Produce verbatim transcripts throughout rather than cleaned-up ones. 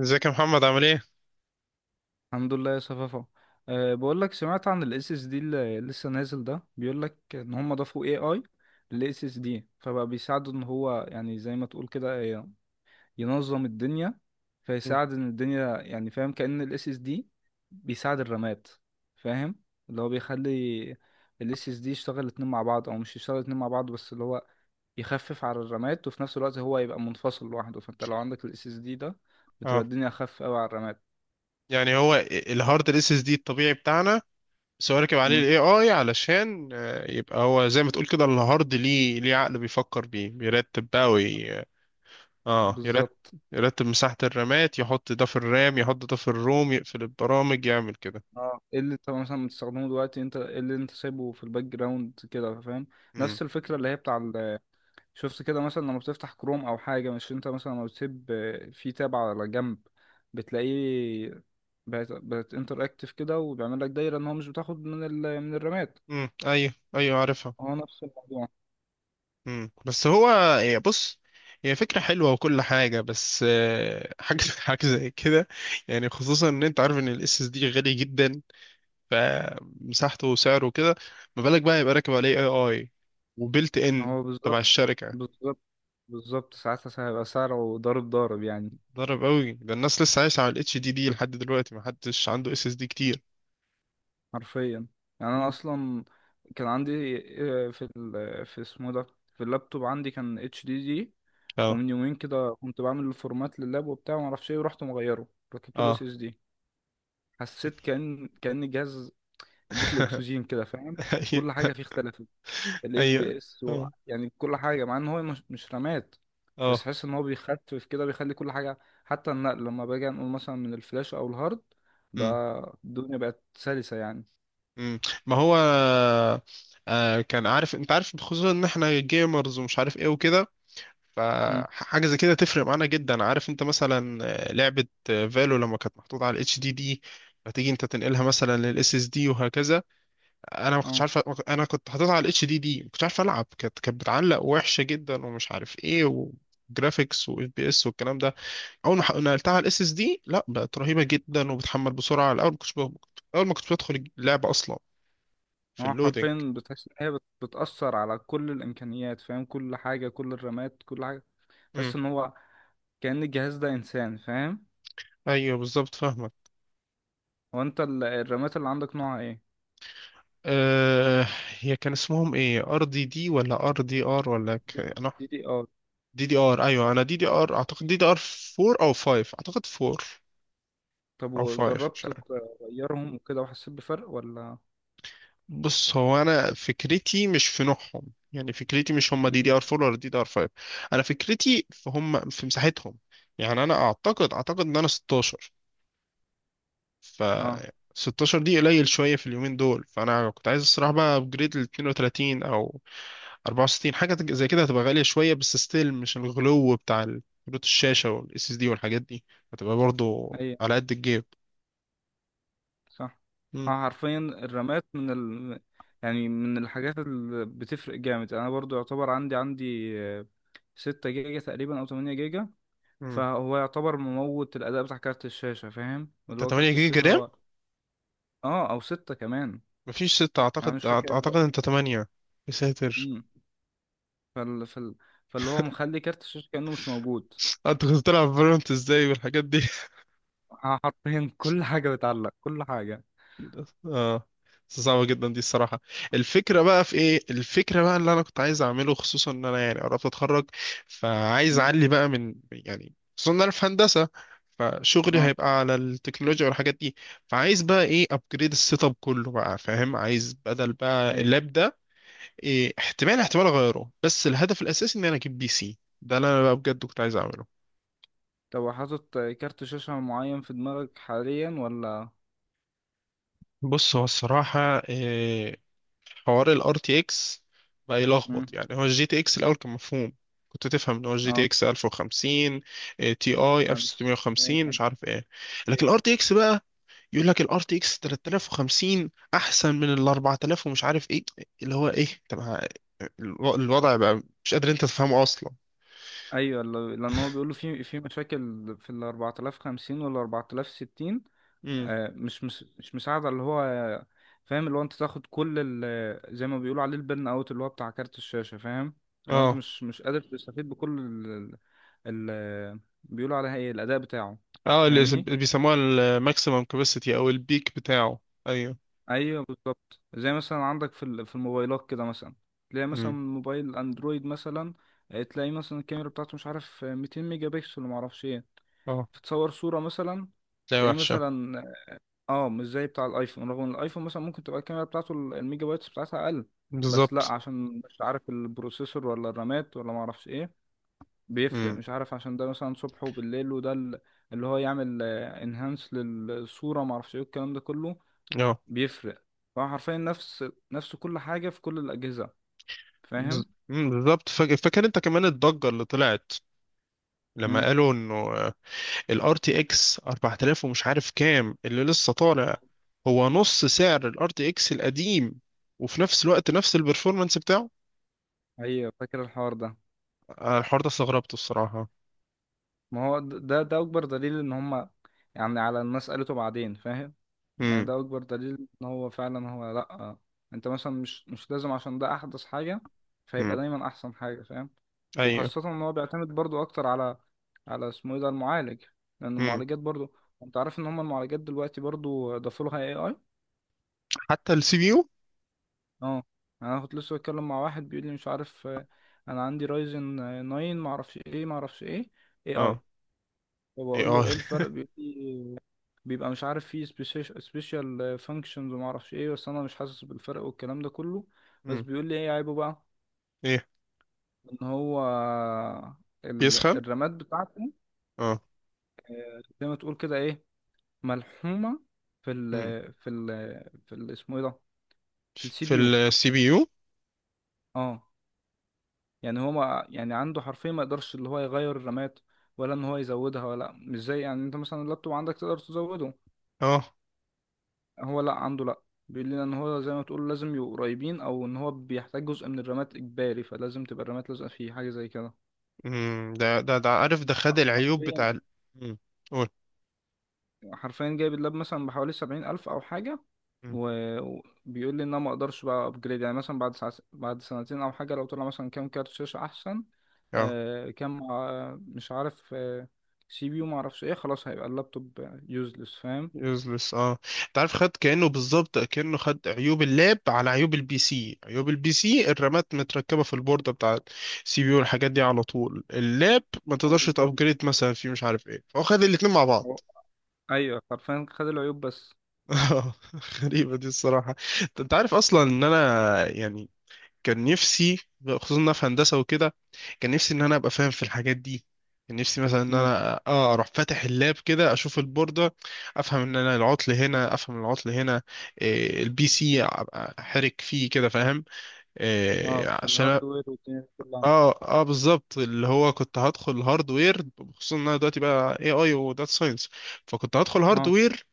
ازيك يا محمد، عامل ايه؟ الحمد لله يا صفافة. أه بقول لك، سمعت عن الاس اس دي اللي لسه نازل، ده بيقول لك ان هم ضافوا اي اي للاس اس دي، فبقى بيساعده ان هو، يعني زي ما تقول كده، ي- ينظم الدنيا. مم. فيساعد ان الدنيا، يعني فاهم، كأن الاس اس دي بيساعد الرامات. فاهم؟ اللي هو بيخلي الاس اس دي يشتغل الاتنين مع بعض، او مش يشتغل الاتنين مع بعض، بس اللي هو يخفف على الرامات، وفي نفس الوقت هو يبقى منفصل لوحده. فانت لو عندك الاس اس دي ده، بتبقى اه، الدنيا اخف قوي على الرامات. يعني هو الهارد الاس اس دي الطبيعي بتاعنا، بس هو راكب عليه مم، الاي اي علشان آه، يبقى هو زي ما تقول كده الهارد ليه ليه عقل بيفكر بيه، بيرتب بقى وي... اه، يرتب بالظبط. يرتب مساحة الرامات، يحط ده في الرام يحط ده في الروم، يقفل البرامج، يعمل كده. اه، ايه اللي انت مثلا بتستخدمه دلوقتي؟ انت ايه اللي انت سايبه في الباك جراوند كده، فاهم؟ امم نفس الفكره اللي هي بتاع ال- شفت كده مثلا لما بتفتح كروم او حاجه، مش انت مثلا لما بتسيب، آه، في تاب على جنب، بتلاقيه بقت بقت انتراكتيف كده، وبيعمل لك دايره ان هو مش بتاخد من ال... من الرامات. امم ايوه ايوه، عارفها. هو نفس الموضوع. امم بس هو، هي بص هي فكرة حلوة وكل حاجة، بس آه، حاجة حاجة زي كده. يعني خصوصا ان انت عارف ان الاس اس دي غالي جدا، فمساحته وسعره كده، ما بالك بقى يبقى راكب عليه اي اي وبيلت ان هو تبع بالظبط، الشركه. بالظبط، بالظبط. ساعتها هيبقى سعره ضارب ضارب يعني، ضرب قوي، ده الناس لسه عايشه على الاتش دي دي لحد دلوقتي، ما حدش عنده اس اس دي كتير. حرفيا. يعني انا مم. اصلا كان عندي، آه، في ال... في اسمه ده، في اللابتوب عندي كان اتش دي دي، اه. ومن يومين كده كنت بعمل الفورمات لللاب وبتاع ومعرفش ايه، ورحت مغيره، ركبت له اه اس اس دي. حسيت كأن كأن الجهاز اديت له اكسجين كده، فاهم؟ كل ايوه حاجة فيه اختلفت، الاف بي ايوه. اس و... اه. يعني كل حاجة، مع ان هو مش, مش رامات. بس اه. حس ان هو بيخفف كده، بيخلي كل حاجة، حتى النقل لما باجي انقل مثلا من الفلاش او الهارد، مم. بقى الدنيا بقت سلسة يعني. مم. ما هو آه كان عارف، انت عارف خصوصا ان احنا جيمرز ومش عارف ايه وكده، مم. فحاجه زي كده تفرق معانا جدا. عارف انت مثلا، آه، لعبه آه، فالو، لما كانت محطوطه على الاتش دي دي، فتيجي انت تنقلها مثلا للاس اس دي وهكذا. انا ما كنتش اه، عارف، انا كنت حاططها على الاتش دي دي، ما كنتش عارف العب، كانت كانت بتعلق وحشه جدا ومش عارف ايه، وجرافيكس واف بي اس والكلام ده. اول ما ح- نقلتها على الاس اس دي، لا بقت رهيبه جدا، وبتحمل بسرعه. الاول ما كنتش ب- اول ما كنت بدخل اللعبه اصلا، في هو اللودنج. حرفيا بتحس ان هي بت- بتأثر على كل الامكانيات. فاهم؟ كل حاجة، كل الرامات، كل حاجة. امم. تحس ان هو كأن الجهاز ده انسان، فاهم؟ ايوه بالظبط، فاهمك. هو انت ال- الرامات اللي عندك نوعها ايه؟ أه. هي كان اسمهم ايه، ار دي دي ولا ار دي ار ولا ك... انا، دي دي ار. دي دي ار، ايوه، انا دي دي ار، اعتقد دي دي ار اربعة او خمسة، اعتقد اربعة طب او خمسة مش وجربت عارف. تغيرهم وكده، وحسيت بفرق ولا؟ بص هو انا فكرتي مش في نوعهم، يعني فكرتي مش هم مم. دي دي ار اربعة ولا دي دي ار خمسة، انا فكرتي في هم في مساحتهم. يعني انا اعتقد اعتقد ان انا ستاشر. ف اه. ستاشر دي قليل شويه في اليومين دول، فانا كنت عايز الصراحه بقى ابجريد ل اتنين وتلاتين او اربعة وستين. حاجة تج- زي كده هتبقى غالية شوية، بس ستيل مش الغلو بتاع كروت الشاشة والاس اس دي والحاجات دي، هتبقى برضو اي، على قد الجيب. صح. مم. اه، حرفيا الرامات من ال... يعني من الحاجات اللي بتفرق جامد. انا برضو يعتبر عندي، عندي آه، ستة جيجا تقريبا او تمانية جيجا. مم. فهو يعتبر مموت الاداء بتاع كارت الشاشة. فاهم؟ اللي انت هو تمنية كارت جيجا الشاشة رام؟ هو، اه، او ستة كمان. مفيش ستة، اعتقد يعني مش أعت- فاكر. اعتقد انت تمنية. يا ساتر. مم. فال... فال... فاللي هو مخلي كارت الشاشة كأنه مش موجود. انت كنت بتلعب فالورانت ازاي والحاجات دي؟ ح- حرفيا كل حاجة بتعلق، كل حاجة. اه، بس صعبة جدا دي الصراحة. الفكرة بقى في ايه، الفكرة بقى اللي انا كنت عايز اعمله، خصوصا ان انا يعني قربت اتخرج، فعايز مم. اعلي بقى من، يعني خصوصا ان انا في هندسة، فشغلي اه. هيبقى على التكنولوجيا والحاجات دي، فعايز بقى ايه، ابجريد السيت اب كله بقى، فاهم؟ عايز بدل بقى اي. اللاب ده، إيه، احتمال احتمال اغيره، بس الهدف الاساسي ان انا اجيب بي سي، ده اللي انا بقى بجد كنت عايز اعمله. طب حاطط كارت شاشة معين في دماغك حاليا ولا؟ بص هو الصراحة آه، حوار ال ار تي اكس بقى مم. يلخبط. يعني هو ال جي تي اكس الأول كان مفهوم، كنت تفهم ان هو ال اه. جي تي اكس الف وخمسين تي اي ألف ستاشر خمسين مش وتسعمية عارف ايه، لكن ال وخمسين. ار تي اكس بقى يقول لك ال ار تي اكس تلاتة الاف وخمسين احسن من ال اربعة الاف ومش عارف ايه، اللي هو ايه؟ طب ه- الو- الوضع بقى مش قادر انت تفهمه اصلا. ايوه، ل- لان هو بيقولوا في في مشاكل في ال اربعة الاف وخمسين وال اربعة الاف وستين. امم. آه، مش مش مش مساعدة، اللي هو، فاهم؟ اللي هو انت تاخد كل ال- زي ما بيقولوا عليه البرن اوت، اللي هو بتاع كارت الشاشة. فاهم؟ اللي هو انت اه. مش مش قادر تستفيد بكل ال، بيقولوا عليها ايه، الاداء بتاعه. اه، اللي اسم- فاهمني؟ بيسموها الماكسيمم كاباسيتي او البيك بتاعه. ايوه. ايوه، بالظبط. زي مثلا عندك في ال- في الموبايلات كده، مثلا تلاقي مثلا امم. موبايل اندرويد مثلا، آه، تلاقي مثلا الكاميرا بتاعته مش عارف، آه، ميتين ميجا بكسل وما اعرفش ايه. اه. تصور صوره مثلا، ده تلاقيه وحشه. مثلا، اه، مش زي بتاع الايفون. رغم ان الايفون مثلا ممكن تبقى الكاميرا بتاعته ال- الميجا بايتس بتاعتها اقل، بس لا، بالظبط. عشان مش عارف البروسيسور ولا الرامات ولا ما اعرفش ايه بيفرق. امم. مش عارف، عشان ده مثلا صبح وبالليل، وده ال- اللي هو يعمل انهانس للصورة ما اعرفش ايه الكلام ده كله، بيفرق. فهو حرفيا نفس، نفس كل حاجة في كل الأجهزة، بز- فاهم؟ مم، بالظبط. فا- فاكر انت كمان الضجة اللي طلعت، لما امم، قالوا انه الار تي اكس اربعة الاف ومش عارف كام اللي لسه طالع، هو نص سعر الار تي اكس القديم وفي نفس الوقت نفس البرفورمانس بتاعه. ايوه، فاكر الحوار ده. آه، الحوار ده استغربته الصراحة. ما هو د- ده ده اكبر دليل ان هما، يعني على الناس قالته بعدين، فاهم؟ يعني امم. ده اكبر دليل ان هو فعلا هو، لا، انت مثلا مش مش لازم عشان ده احدث حاجة، فيبقى امم. دايما احسن حاجة، فاهم؟ ايوه. وخاصة ان هو بيعتمد برضو اكتر على، على اسمه ايه ده، المعالج. لان امم. المعالجات برضو، انت عارف ان هم المعالجات دلوقتي برضو ضافوا لها اي اي. حتى السي بي يو. اه. يعني انا كنت لسه بتكلم مع واحد بيقول لي مش عارف، آه، انا عندي رايزن تسعة، ما اعرفش ايه ما اعرفش ايه اي اي. اه. ايه. فبقول اه له ايه الفرق؟ بيقول لي بيبقى مش عارف، فيه سبيشال فانكشنز وما اعرفش ايه، بس انا مش حاسس بالفرق والكلام ده كله. بس امم. بيقول لي ايه عيبه بقى؟ ايه، ان هو ال- بيسخن. الرامات بتاعته اه. زي ما تقول كده ايه، ملحومه في ال، امم. في ال في ال اسمه ايه ده، في السي في بي يو. السي بي يو. اه. يعني هو، ما يعني عنده حرفيا ما يقدرش اللي هو يغير الرامات ولا ان هو يزودها. ولا مش زي، يعني انت مثلا اللابتوب عندك تقدر تزوده، اه. هو لا عنده لا. بيقول لنا ان هو زي ما تقول، لازم يبقوا قريبين، او ان هو بيحتاج جزء من الرامات اجباري، فلازم تبقى الرامات لازقه فيه، حاجه زي كده. امم. ده ده ده عارف، ده ح- خد العيوب حرفيا، بتاع ال- امم. قول. حرفيا جايب اللاب مثلا بحوالي سبعين الف او حاجه. امم. و- وبيقول لي ان انا ما اقدرش بقى ابجريد، يعني مثلا بعد ساعة بعد سنتين او حاجه، لو طلع مثلا كام كارت شاشه احسن، اه. آه، كام، آه مش عارف، آه سي بي يو، ما اعرفش ايه، خلاص هيبقى اللابتوب يوزلس، فاهم؟ يوزلس، اه. انت عارف، خد كأنه بالظبط، كأنه خد عيوب اللاب على عيوب البي سي. عيوب البي سي الرامات متركبة في البوردة بتاع السي بي يو والحاجات دي على طول، اللاب ما هو تقدرش بالظبط. تأبجريد مثلا فيه مش عارف ايه، فهو خد الاتنين مع بعض. هو- ايوه حرفيا، خد العيوب بس. غريبة دي الصراحة. انت أنت عارف اصلا ان انا يعني، كان نفسي، خصوصا في هندسة وكده، كان نفسي ان انا ابقى فاهم في الحاجات دي. كان نفسي مثلا ان مم. انا اه اروح فاتح اللاب كده، اشوف البوردة، افهم ان انا العطل هنا، افهم العطل هنا، إيه. البي سي ابقى حرك فيه كده، فاهم، اه، إيه في عشان. الهاردوير والدنيا دي كلها. اه. اه بالظبط، اللي هو كنت هدخل هاردوير، خصوصا ان انا دلوقتي بقى اي اي وداتا ساينس، فكنت هدخل اه. هاردوير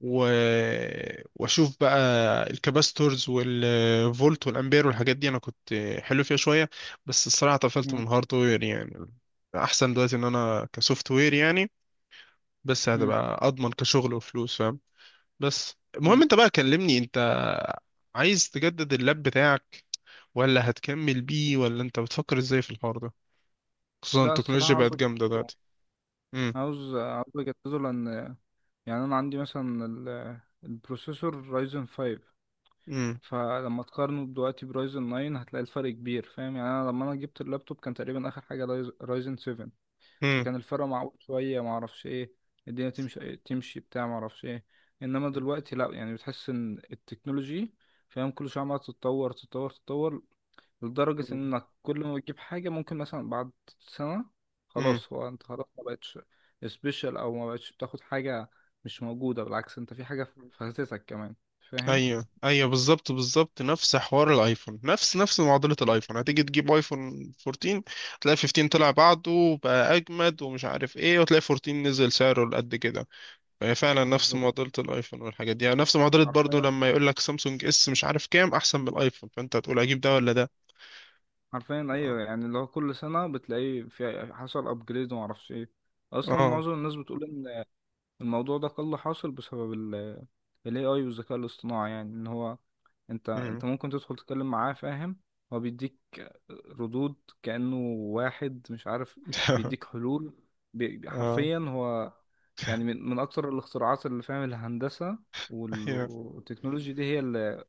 و... واشوف بقى الكاباستورز والفولت والامبير والحاجات دي. انا كنت حلو فيها شويه، بس الصراحه طفلت مم. من هاردوير يعني. احسن دلوقتي ان انا كسوفت وير، يعني بس مم. هتبقى اضمن كشغل وفلوس، فاهم. بس المهم، مم. انت بقى كلمني، انت عايز تجدد اللاب بتاعك ولا هتكمل بيه، ولا انت بتفكر ازاي في الحوار ده، خصوصا لا، الصراحة التكنولوجيا عاوز بقت جامده أجدده. دلوقتي. امم. عاوز، عاوز أجدده. لأن يعني أنا عندي مثلا ال- البروسيسور رايزن خمسة، امم. فلما تقارنه دلوقتي برايزن تسعة هتلاقي الفرق كبير، فاهم؟ يعني أنا لما أنا جبت اللابتوب كان تقريبا آخر حاجة رايز- رايزن سبعة. امم. فكان الفرق معقول شوية، معرفش إيه، الدنيا تمشي تمشي بتاع معرفش إيه. إنما دلوقتي لأ، يعني بتحس إن التكنولوجي، فاهم؟ كل شوية عمالة تتطور تتطور تتطور، لدرجة انك كل ما بتجيب حاجة ممكن مثلا بعد سنة، امم. خلاص هو انت خلاص ما بقتش سبيشال، او ما بقتش بتاخد حاجة مش موجودة، بالعكس انت في حاجة فاتتك كمان، فاهم؟ ايوه ايوه، بالظبط بالظبط نفس حوار الايفون، نفس نفس معضله الايفون. هتيجي تجيب ايفون اربعتاشر، تلاقي خمسة عشر طلع بعده وبقى اجمد ومش عارف ايه، وتلاقي اربعتاشر نزل سعره لقد كده. فهي فعلا نفس بالظبط، معضله الايفون والحاجات دي، يعني نفس معضله برضو حرفيا. لما يقول لك سامسونج اس مش عارف كام احسن من الايفون، فانت هتقول اجيب ده ولا ده. حرفيا اه. ايوه. يعني اللي هو كل سنة بتلاقيه في حصل ابجريد وما اعرفش ايه. اصلا اه. معظم الناس بتقول ان الموضوع ده قل حاصل بسبب ال إيه آي والذكاء الاصطناعي. يعني ان هو، انت، مم. انت ممكن تدخل تتكلم معاه، فاهم؟ هو بيديك ردود كأنه واحد، مش عارف، بيديك حلول. بي- بي- اه. حرفيا هو يعني من من اكثر الاختراعات اللي، فاهم، الهندسة وال- ايوه. والتكنولوجيا دي هي اللي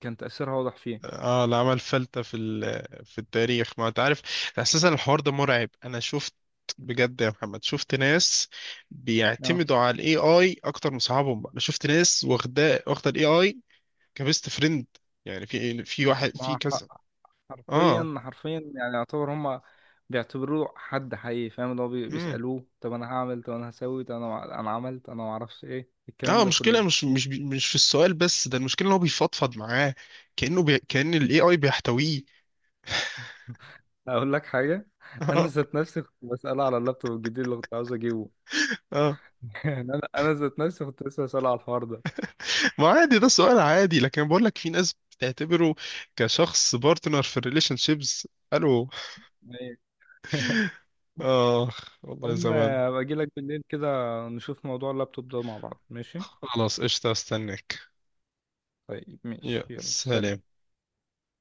كان تأثيرها واضح فيه. اه، اللي عمل فلتة في ال- في التاريخ، ما انت عارف اساسا. الحوار ده مرعب، انا شفت بجد يا محمد، شفت ناس اه. بيعتمدوا على الاي اي اكتر من صحابهم. انا شفت ناس واخده واخده الاي اي كبيست فريند، يعني في في واحد ما في هو كذا. ح- اه. حرفيا، حرفيا يعني يعتبر هما بيعتبروه حد حقيقي، فاهم؟ اللي هو بي- امم. بيسألوه طب انا هعمل، طب انا هسوي، طب انا، انا عملت، انا معرفش ايه اه، الكلام ده المشكله كله. مش مش بي- مش في السؤال بس، ده المشكله ان هو بيفضفض معاه، كانه بي... كان الاي اي بيحتويه. اقول لك حاجه، انا اه. ذات نفسي كنت بساله على اللابتوب الجديد اللي كنت عاوز اجيبه. اه يعني انا انا ذات نفسي كنت لسه بساله على الحوار ده. ما عادي، ده سؤال عادي، لكن بقول لك في ناس بتعتبره كشخص بارتنر في الريليشن شيبس. الو؟ ايه. اخ والله المهم، زمان. باجي لك بالليل كده نشوف موضوع اللابتوب ده مع بعض، ماشي؟ خلاص، قشطة، استناك. طيب ماشي، يا يلا، سلام. سلام.